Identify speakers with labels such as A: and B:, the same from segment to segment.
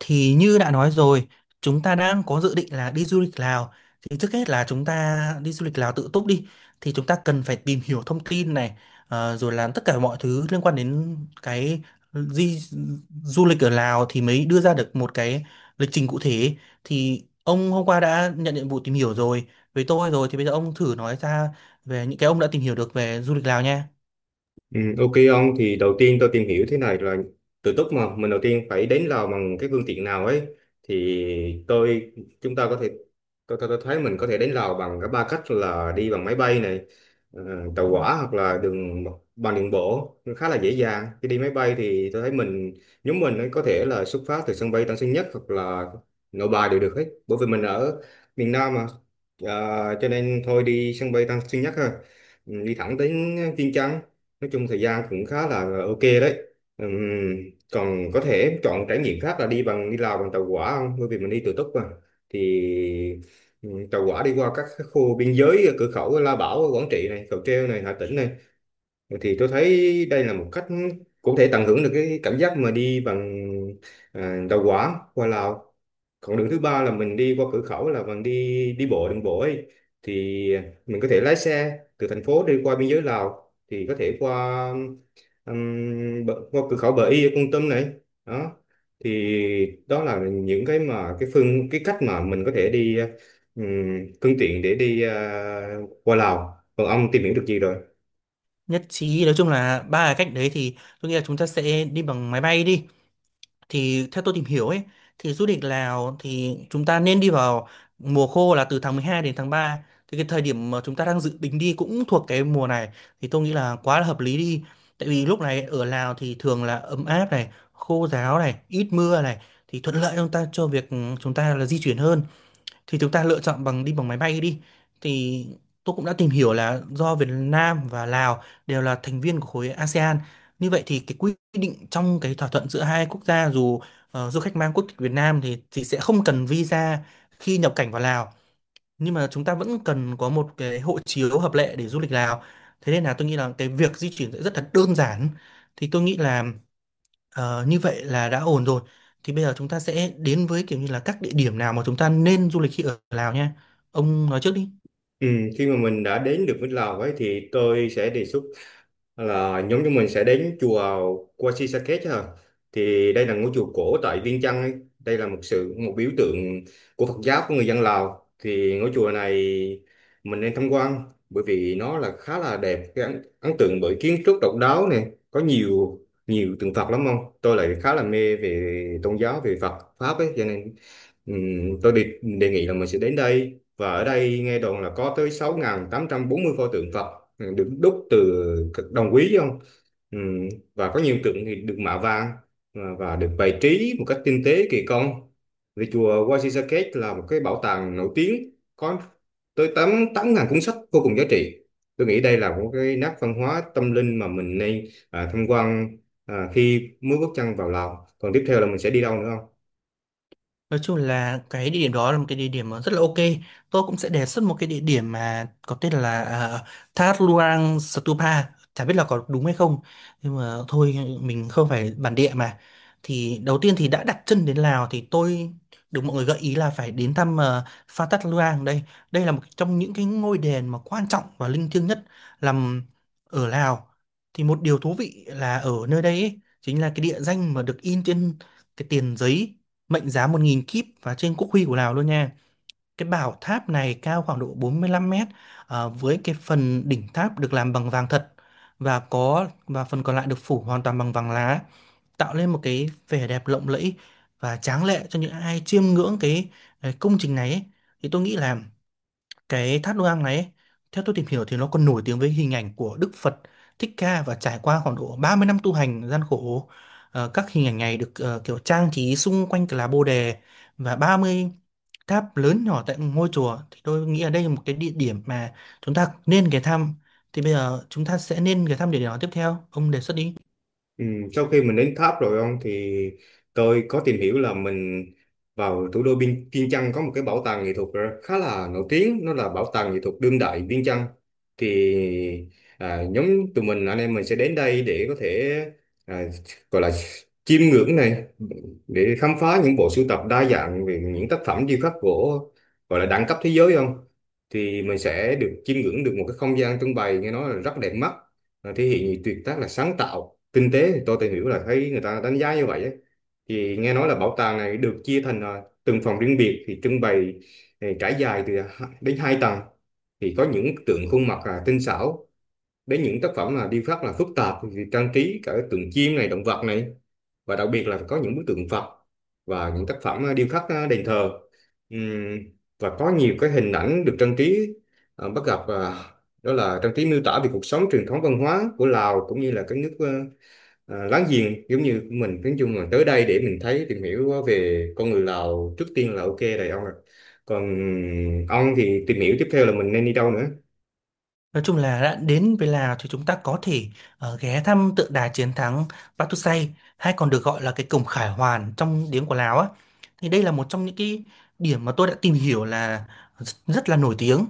A: Thì như đã nói rồi, chúng ta đang có dự định là đi du lịch Lào. Thì trước hết là chúng ta đi du lịch Lào tự túc đi, thì chúng ta cần phải tìm hiểu thông tin này, rồi làm tất cả mọi thứ liên quan đến cái di du lịch ở Lào thì mới đưa ra được một cái lịch trình cụ thể. Thì ông hôm qua đã nhận nhiệm vụ tìm hiểu rồi với tôi rồi, thì bây giờ ông thử nói ra về những cái ông đã tìm hiểu được về du lịch Lào nha.
B: Ừ, ok ông, thì đầu tiên tôi tìm hiểu thế này là tự túc mà mình đầu tiên phải đến Lào bằng cái phương tiện nào ấy. Thì tôi chúng ta có thể Tôi thấy mình có thể đến Lào bằng cả ba cách, là đi bằng máy bay này, ờ, tàu hỏa, hoặc là đường bộ. Nó khá là dễ dàng. Khi đi máy bay thì tôi thấy nhóm mình ấy có thể là xuất phát từ sân bay Tân Sơn Nhất hoặc là Nội Bài đều được hết, bởi vì mình ở miền Nam mà. Ờ, cho nên thôi đi sân bay Tân Sơn Nhất ha. Ừ, đi thẳng đến Vientiane, nói chung thời gian cũng khá là ok đấy. Ừm, Còn có thể em chọn trải nghiệm khác là đi bằng đi Lào bằng tàu hỏa không? Bởi vì mình đi tự túc mà. Thì Tàu hỏa đi qua các cái khu biên giới ở cửa khẩu Lao Bảo Quảng Trị này, Cầu Treo này, Hà Tĩnh này. Thì tôi thấy đây là một cách cũng thể tận hưởng được cái cảm giác mà đi bằng tàu hỏa qua Lào. Còn đường thứ ba là mình đi qua cửa khẩu, là bằng đi đi bộ đường bộ ấy. Thì mình có thể lái xe từ thành phố đi qua biên giới Lào, thì có thể qua ừm, qua cửa khẩu Bờ Y ở Kon Tum này. Đó, thì đó là những cái mà cái phương cái cách mà mình có thể đi, ừm, phương tiện để đi qua Lào. Còn ông tìm hiểu được gì rồi?
A: Nhất trí, nói chung là ba cái cách đấy thì tôi nghĩ là chúng ta sẽ đi bằng máy bay đi. Thì theo tôi tìm hiểu ấy, thì du lịch Lào thì chúng ta nên đi vào mùa khô là từ tháng 12 đến tháng ba. Thì cái thời điểm mà chúng ta đang dự tính đi cũng thuộc cái mùa này, thì tôi nghĩ là quá là hợp lý đi. Tại vì lúc này ở Lào thì thường là ấm áp này, khô ráo này, ít mưa này, thì thuận lợi cho chúng ta, cho việc chúng ta là di chuyển hơn. Thì chúng ta lựa chọn bằng đi bằng máy bay đi. Thì tôi cũng đã tìm hiểu là do Việt Nam và Lào đều là thành viên của khối ASEAN, như vậy thì cái quy định trong cái thỏa thuận giữa hai quốc gia dù du khách mang quốc tịch Việt Nam thì sẽ không cần visa khi nhập cảnh vào Lào, nhưng mà chúng ta vẫn cần có một cái hộ chiếu hợp lệ để du lịch Lào. Thế nên là tôi nghĩ là cái việc di chuyển sẽ rất là đơn giản. Thì tôi nghĩ là, ờ, như vậy là đã ổn rồi. Thì bây giờ chúng ta sẽ đến với kiểu như là các địa điểm nào mà chúng ta nên du lịch khi ở Lào nha. Ông nói trước đi.
B: Ừ, khi mà mình đã đến được với Lào ấy thì tôi sẽ đề xuất là nhóm chúng mình sẽ đến chùa Qua Si Sa Kết chứ. Thì đây là ngôi chùa cổ tại Viêng Chăn ấy. Đây là một biểu tượng của Phật giáo, của người dân Lào. Thì ngôi chùa này mình nên tham quan, bởi vì nó là khá là đẹp, cái ấn tượng bởi kiến trúc độc đáo này, có nhiều nhiều tượng Phật lắm không. Tôi lại khá là mê về tôn giáo, về Phật pháp ấy, cho nên tôi đề nghị là mình sẽ đến đây, và ở đây nghe đồn là có tới 6840 pho tượng Phật, ừ, được đúc từ cực đồng quý chứ không? Ừm, và có nhiều tượng thì được mạ vàng, và được bày trí một cách tinh tế, kỳ công. Vì chùa Waisakek là một cái bảo tàng nổi tiếng, có tới 8 8000 cuốn sách vô cùng giá trị. Tôi nghĩ đây là một cái nét văn hóa tâm linh mà mình nên tham quan khi mới bước chân vào Lào. Còn tiếp theo là mình sẽ đi đâu nữa không?
A: Nói chung là cái địa điểm đó là một cái địa điểm mà rất là ok. Tôi cũng sẽ đề xuất một cái địa điểm mà có tên là Thác Luang Stupa. Chả biết là có đúng hay không, nhưng mà thôi, mình không phải bản địa mà. Thì đầu tiên thì đã đặt chân đến Lào thì tôi được mọi người gợi ý là phải đến thăm Pha Thác Luang đây. Đây là một trong những cái ngôi đền mà quan trọng và linh thiêng nhất nằm ở Lào. Thì một điều thú vị là ở nơi đây ấy, chính là cái địa danh mà được in trên cái tiền giấy mệnh giá 1.000 kíp và trên quốc huy của Lào luôn nha. Cái bảo tháp này cao khoảng độ 45 mét, với cái phần đỉnh tháp được làm bằng vàng thật, và có và phần còn lại được phủ hoàn toàn bằng vàng lá, tạo lên một cái vẻ đẹp lộng lẫy và tráng lệ cho những ai chiêm ngưỡng cái công trình này ấy. Thì tôi nghĩ là cái tháp Đôi Ang này ấy, theo tôi tìm hiểu thì nó còn nổi tiếng với hình ảnh của Đức Phật Thích Ca và trải qua khoảng độ 30 năm tu hành gian khổ. Các hình ảnh này được kiểu trang trí xung quanh là lá Bồ Đề, và 30 tháp lớn nhỏ tại ngôi chùa, thì tôi nghĩ ở đây là một cái địa điểm mà chúng ta nên ghé thăm. Thì bây giờ chúng ta sẽ nên ghé thăm địa điểm nào tiếp theo? Ông đề xuất đi.
B: Ừ, sau khi mình đến tháp rồi ông, thì tôi có tìm hiểu là mình vào thủ đô Biên Viêng Chăn có một cái bảo tàng nghệ thuật khá là nổi tiếng, nó là bảo tàng nghệ thuật đương đại Viêng Chăn. thì Nhóm tụi mình anh em mình sẽ đến đây để có thể à, gọi là chiêm ngưỡng này, để khám phá những bộ sưu tập đa dạng về những tác phẩm điêu khắc gỗ, gọi là đẳng cấp thế giới không. Thì mình sẽ được chiêm ngưỡng được một cái không gian trưng bày nghe nói là rất đẹp mắt, thể hiện tuyệt tác là sáng tạo kinh tế. Thì tôi tìm hiểu là thấy người ta đánh giá như vậy ấy. Thì nghe nói là bảo tàng này được chia thành từng phòng riêng biệt, thì trưng bày trải dài từ đến hai tầng, thì có những tượng khuôn mặt là tinh xảo, đến những tác phẩm là điêu khắc là phức tạp, thì trang trí cả tượng chim này, động vật này, và đặc biệt là có những bức tượng Phật, và những tác phẩm điêu khắc đền thờ. Ừm, và có nhiều cái hình ảnh được trang trí, à, bắt gặp à, đó là trang trí miêu tả về cuộc sống, truyền thống văn hóa của Lào, cũng như là các nước láng giềng giống như của mình. Nói chung là tới đây để mình thấy, tìm hiểu về con người Lào trước tiên là ok rồi ông ạ. Còn ông thì tìm hiểu tiếp theo là mình nên đi đâu nữa?
A: Nói chung là đã đến với Lào thì chúng ta có thể ghé thăm tượng đài chiến thắng Pathusai, hay còn được gọi là cái cổng Khải Hoàn trong tiếng của Lào á. Thì đây là một trong những cái điểm mà tôi đã tìm hiểu là rất là nổi tiếng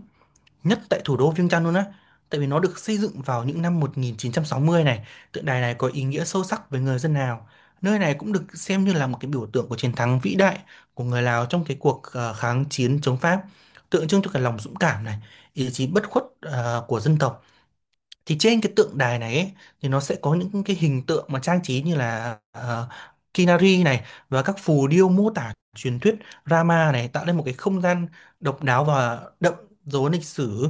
A: nhất tại thủ đô Viêng Chăn luôn á, tại vì nó được xây dựng vào những năm 1960 này. Tượng đài này có ý nghĩa sâu sắc với người dân Lào, nơi này cũng được xem như là một cái biểu tượng của chiến thắng vĩ đại của người Lào trong cái cuộc kháng chiến chống Pháp, tượng trưng cho cái lòng dũng cảm này, ý chí bất khuất của dân tộc. Thì trên cái tượng đài này ấy, thì nó sẽ có những cái hình tượng mà trang trí như là Kinari này và các phù điêu mô tả truyền thuyết Rama này, tạo nên một cái không gian độc đáo và đậm dấu ấn lịch sử.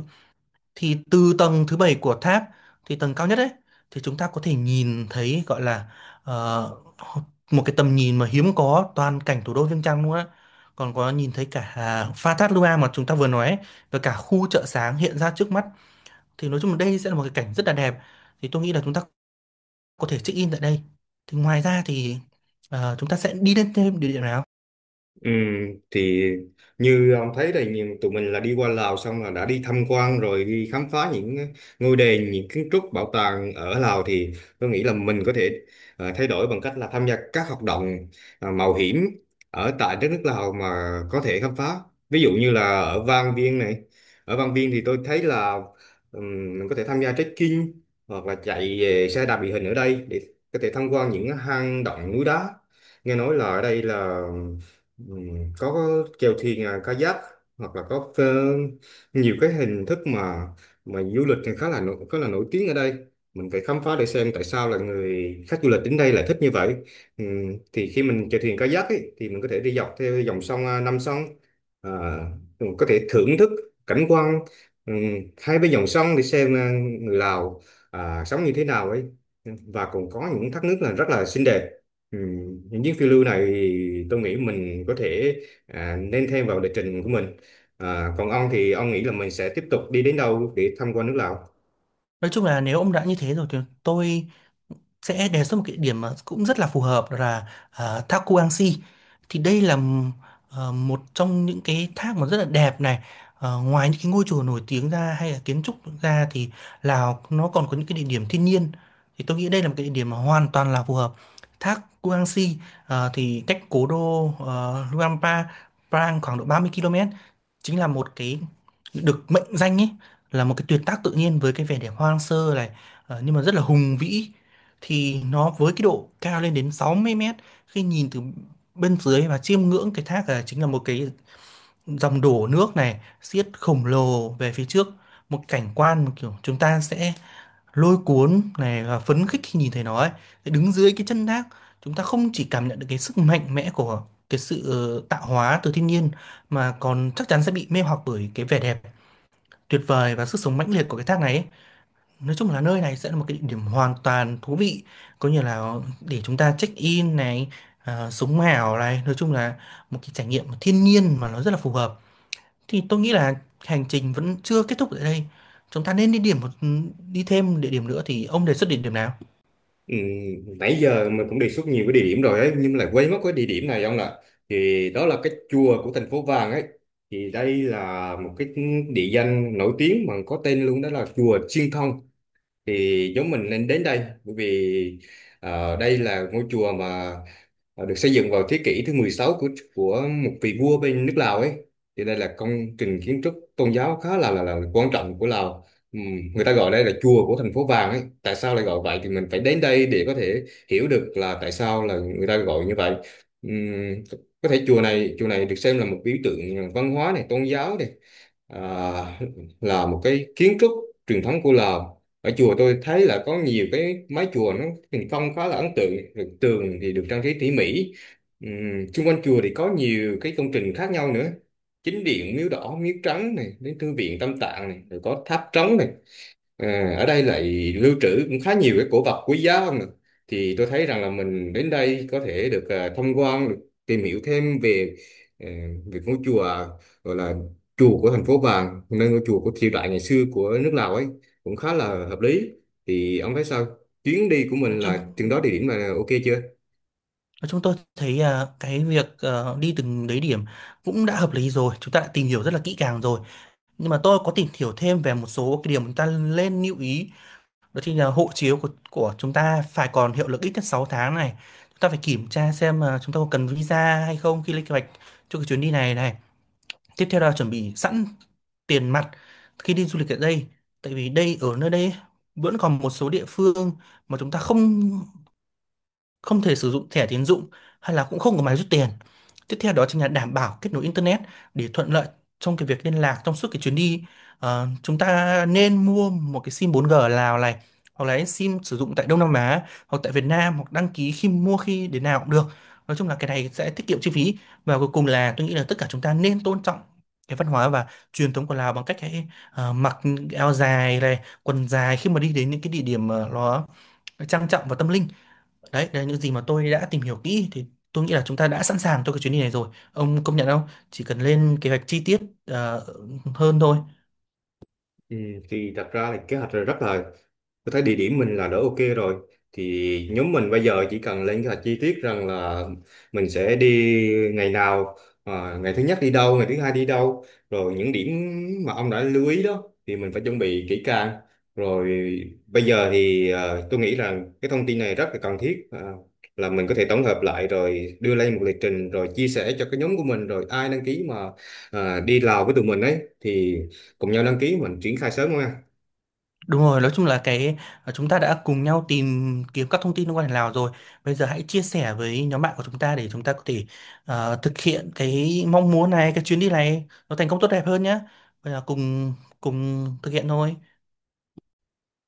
A: Thì từ tầng thứ bảy của tháp, thì tầng cao nhất ấy, thì chúng ta có thể nhìn thấy gọi là, ờ, một cái tầm nhìn mà hiếm có, toàn cảnh thủ đô Viêng Chăn luôn á, còn có nhìn thấy cả à, pha thác Lua mà chúng ta vừa nói ấy, và cả khu chợ sáng hiện ra trước mắt. Thì nói chung là đây sẽ là một cái cảnh rất là đẹp, thì tôi nghĩ là chúng ta có thể check in tại đây. Thì ngoài ra thì chúng ta sẽ đi lên thêm địa điểm nào?
B: Ừ, thì như ông thấy đây, nhìn tụi mình là đi qua Lào xong là đã đi tham quan rồi, đi khám phá những ngôi đền, những kiến trúc, bảo tàng ở Lào. Thì tôi nghĩ là mình có thể thay đổi bằng cách là tham gia các hoạt động mạo hiểm ở tại đất nước Lào mà có thể khám phá, ví dụ như là ở Vang Vieng này. Ở Vang Vieng thì tôi thấy là mình có thể tham gia trekking, hoặc là chạy về xe đạp địa hình ở đây để có thể tham quan những hang động, núi đá. Nghe nói là ở đây là, ừ, có chèo thuyền kayak, hoặc là có nhiều cái hình thức mà du lịch thì khá là nổi tiếng ở đây. Mình phải khám phá để xem tại sao là người khách du lịch đến đây lại thích như vậy. Ừ, thì khi mình chèo thuyền kayak ấy, thì mình có thể đi dọc theo dòng sông Nam sông, à, mình có thể thưởng thức cảnh quan, ừ, hai bên dòng sông để xem người Lào sống như thế nào ấy. Ừ, và còn có những thác nước là rất là xinh đẹp. Ừ. Những chuyến phiêu lưu này thì tôi nghĩ mình có thể nên thêm vào lịch trình của mình. À, còn ông thì ông nghĩ là mình sẽ tiếp tục đi đến đâu để tham quan nước Lào?
A: Nói chung là nếu ông đã như thế rồi thì tôi sẽ đề xuất một cái địa điểm mà cũng rất là phù hợp, đó là thác Kuangxi. Thì đây là một trong những cái thác mà rất là đẹp này. Ờ, ngoài những cái ngôi chùa nổi tiếng ra hay là kiến trúc ra, thì Lào nó còn có những cái địa điểm thiên nhiên, thì tôi nghĩ đây là một cái địa điểm mà hoàn toàn là phù hợp. Thác Kuangxi, thì cách cố đô Luang Prabang Prang khoảng độ 30 km, chính là một cái được mệnh danh ấy, là một cái tuyệt tác tự nhiên với cái vẻ đẹp hoang sơ này, nhưng mà rất là hùng vĩ. Thì nó với cái độ cao lên đến 60 mét, khi nhìn từ bên dưới và chiêm ngưỡng cái thác, là chính là một cái dòng đổ nước này xiết khổng lồ về phía trước, một cảnh quan mà kiểu chúng ta sẽ lôi cuốn này và phấn khích khi nhìn thấy nó ấy. Thế đứng dưới cái chân thác, chúng ta không chỉ cảm nhận được cái sức mạnh mẽ của cái sự tạo hóa từ thiên nhiên, mà còn chắc chắn sẽ bị mê hoặc bởi cái vẻ đẹp tuyệt vời và sức sống mãnh liệt của cái thác này ấy. Nói chung là nơi này sẽ là một cái địa điểm hoàn toàn thú vị, có như là để chúng ta check in này, à, sống ảo này. Nói chung là một cái trải nghiệm thiên nhiên mà nó rất là phù hợp. Thì tôi nghĩ là hành trình vẫn chưa kết thúc tại đây, chúng ta nên đi thêm địa điểm nữa. Thì ông đề xuất địa điểm nào?
B: Ừ. Nãy giờ mình cũng đề xuất nhiều cái địa điểm rồi ấy, nhưng mà lại quên mất cái địa điểm này ông ạ. Thì đó là cái chùa của thành phố Vàng ấy. Thì đây là một cái địa danh nổi tiếng mà có tên luôn, đó là chùa Chiên Thông. Thì chúng mình nên đến đây, bởi vì đây là ngôi chùa mà được xây dựng vào thế kỷ thứ 16, của một vị vua bên nước Lào ấy. Thì đây là công trình kiến trúc tôn giáo khá là là quan trọng của Lào. Người ta gọi đây là chùa của thành phố vàng ấy, tại sao lại gọi vậy thì mình phải đến đây để có thể hiểu được là tại sao là người ta gọi như vậy. Ừm, có thể chùa này được xem là một biểu tượng văn hóa này, tôn giáo này, à, là một cái kiến trúc truyền thống của Lào. Ở chùa tôi thấy là có nhiều cái mái chùa nó hình phong khá là ấn tượng. Rồi tường thì được trang trí tỉ mỉ. Xung quanh chùa thì có nhiều cái công trình khác nhau nữa, chính điện, miếu đỏ, miếu trắng này, đến thư viện tam tạng này, rồi có tháp trống này. À, ở đây lại lưu trữ cũng khá nhiều cái cổ vật quý giá không ạ? Thì tôi thấy rằng là mình đến đây có thể được tham quan, được tìm hiểu thêm về ờ, về ngôi chùa gọi là chùa của thành phố Vàng, nơi ngôi chùa của triều đại ngày xưa của nước Lào ấy, cũng khá là hợp lý. Thì ông thấy sao? Chuyến đi của
A: Nói
B: mình
A: chung,
B: là chừng đó địa điểm là ok chưa?
A: nói chung tôi thấy à, cái việc đi từng đấy điểm cũng đã hợp lý rồi. Chúng ta đã tìm hiểu rất là kỹ càng rồi. Nhưng mà tôi có tìm hiểu thêm về một số cái điểm chúng ta nên lưu ý. Đó thì là hộ chiếu của chúng ta phải còn hiệu lực ít nhất 6 tháng này. Chúng ta phải kiểm tra xem là chúng ta có cần visa hay không khi lên kế hoạch cho cái chuyến đi này này. Tiếp theo là chuẩn bị sẵn tiền mặt khi đi du lịch ở đây. Tại vì đây ở nơi đây ấy, vẫn còn một số địa phương mà chúng ta không không thể sử dụng thẻ tín dụng hay là cũng không có máy rút tiền. Tiếp theo đó chính là đảm bảo kết nối internet để thuận lợi trong cái việc liên lạc trong suốt cái chuyến đi. Ờ, chúng ta nên mua một cái sim 4G ở Lào này, hoặc là sim sử dụng tại Đông Nam Á hoặc tại Việt Nam, hoặc đăng ký khi mua khi đến nào cũng được. Nói chung là cái này sẽ tiết kiệm chi phí. Và cuối cùng là tôi nghĩ là tất cả chúng ta nên tôn trọng cái văn hóa và truyền thống của Lào bằng cách hãy mặc áo dài này, quần dài khi mà đi đến những cái địa điểm nó trang trọng và tâm linh. Đấy, đấy là những gì mà tôi đã tìm hiểu kỹ, thì tôi nghĩ là chúng ta đã sẵn sàng cho cái chuyến đi này rồi. Ông công nhận không? Chỉ cần lên kế hoạch chi tiết ờ, hơn thôi.
B: Ừ, thì thật ra là kế hoạch là rất là, tôi thấy địa điểm mình là đỡ ok rồi. Thì nhóm mình bây giờ chỉ cần lên kế hoạch chi tiết, rằng là mình sẽ đi ngày nào, ngày thứ nhất đi đâu, ngày thứ hai đi đâu. Rồi những điểm mà ông đã lưu ý đó thì mình phải chuẩn bị kỹ càng. Rồi bây giờ thì tôi nghĩ là cái thông tin này rất là cần thiết. À, là mình có thể tổng hợp lại rồi đưa lên một lịch trình, rồi chia sẻ cho cái nhóm của mình, rồi ai đăng ký mà đi Lào với tụi mình ấy thì cùng nhau đăng ký, mình triển khai sớm thôi.
A: Đúng rồi, nói chung là cái, chúng ta đã cùng nhau tìm kiếm các thông tin liên quan đến Lào rồi. Bây giờ hãy chia sẻ với nhóm bạn của chúng ta để chúng ta có thể thực hiện cái mong muốn này, cái chuyến đi này nó thành công tốt đẹp hơn nhé. Bây giờ cùng cùng thực hiện thôi.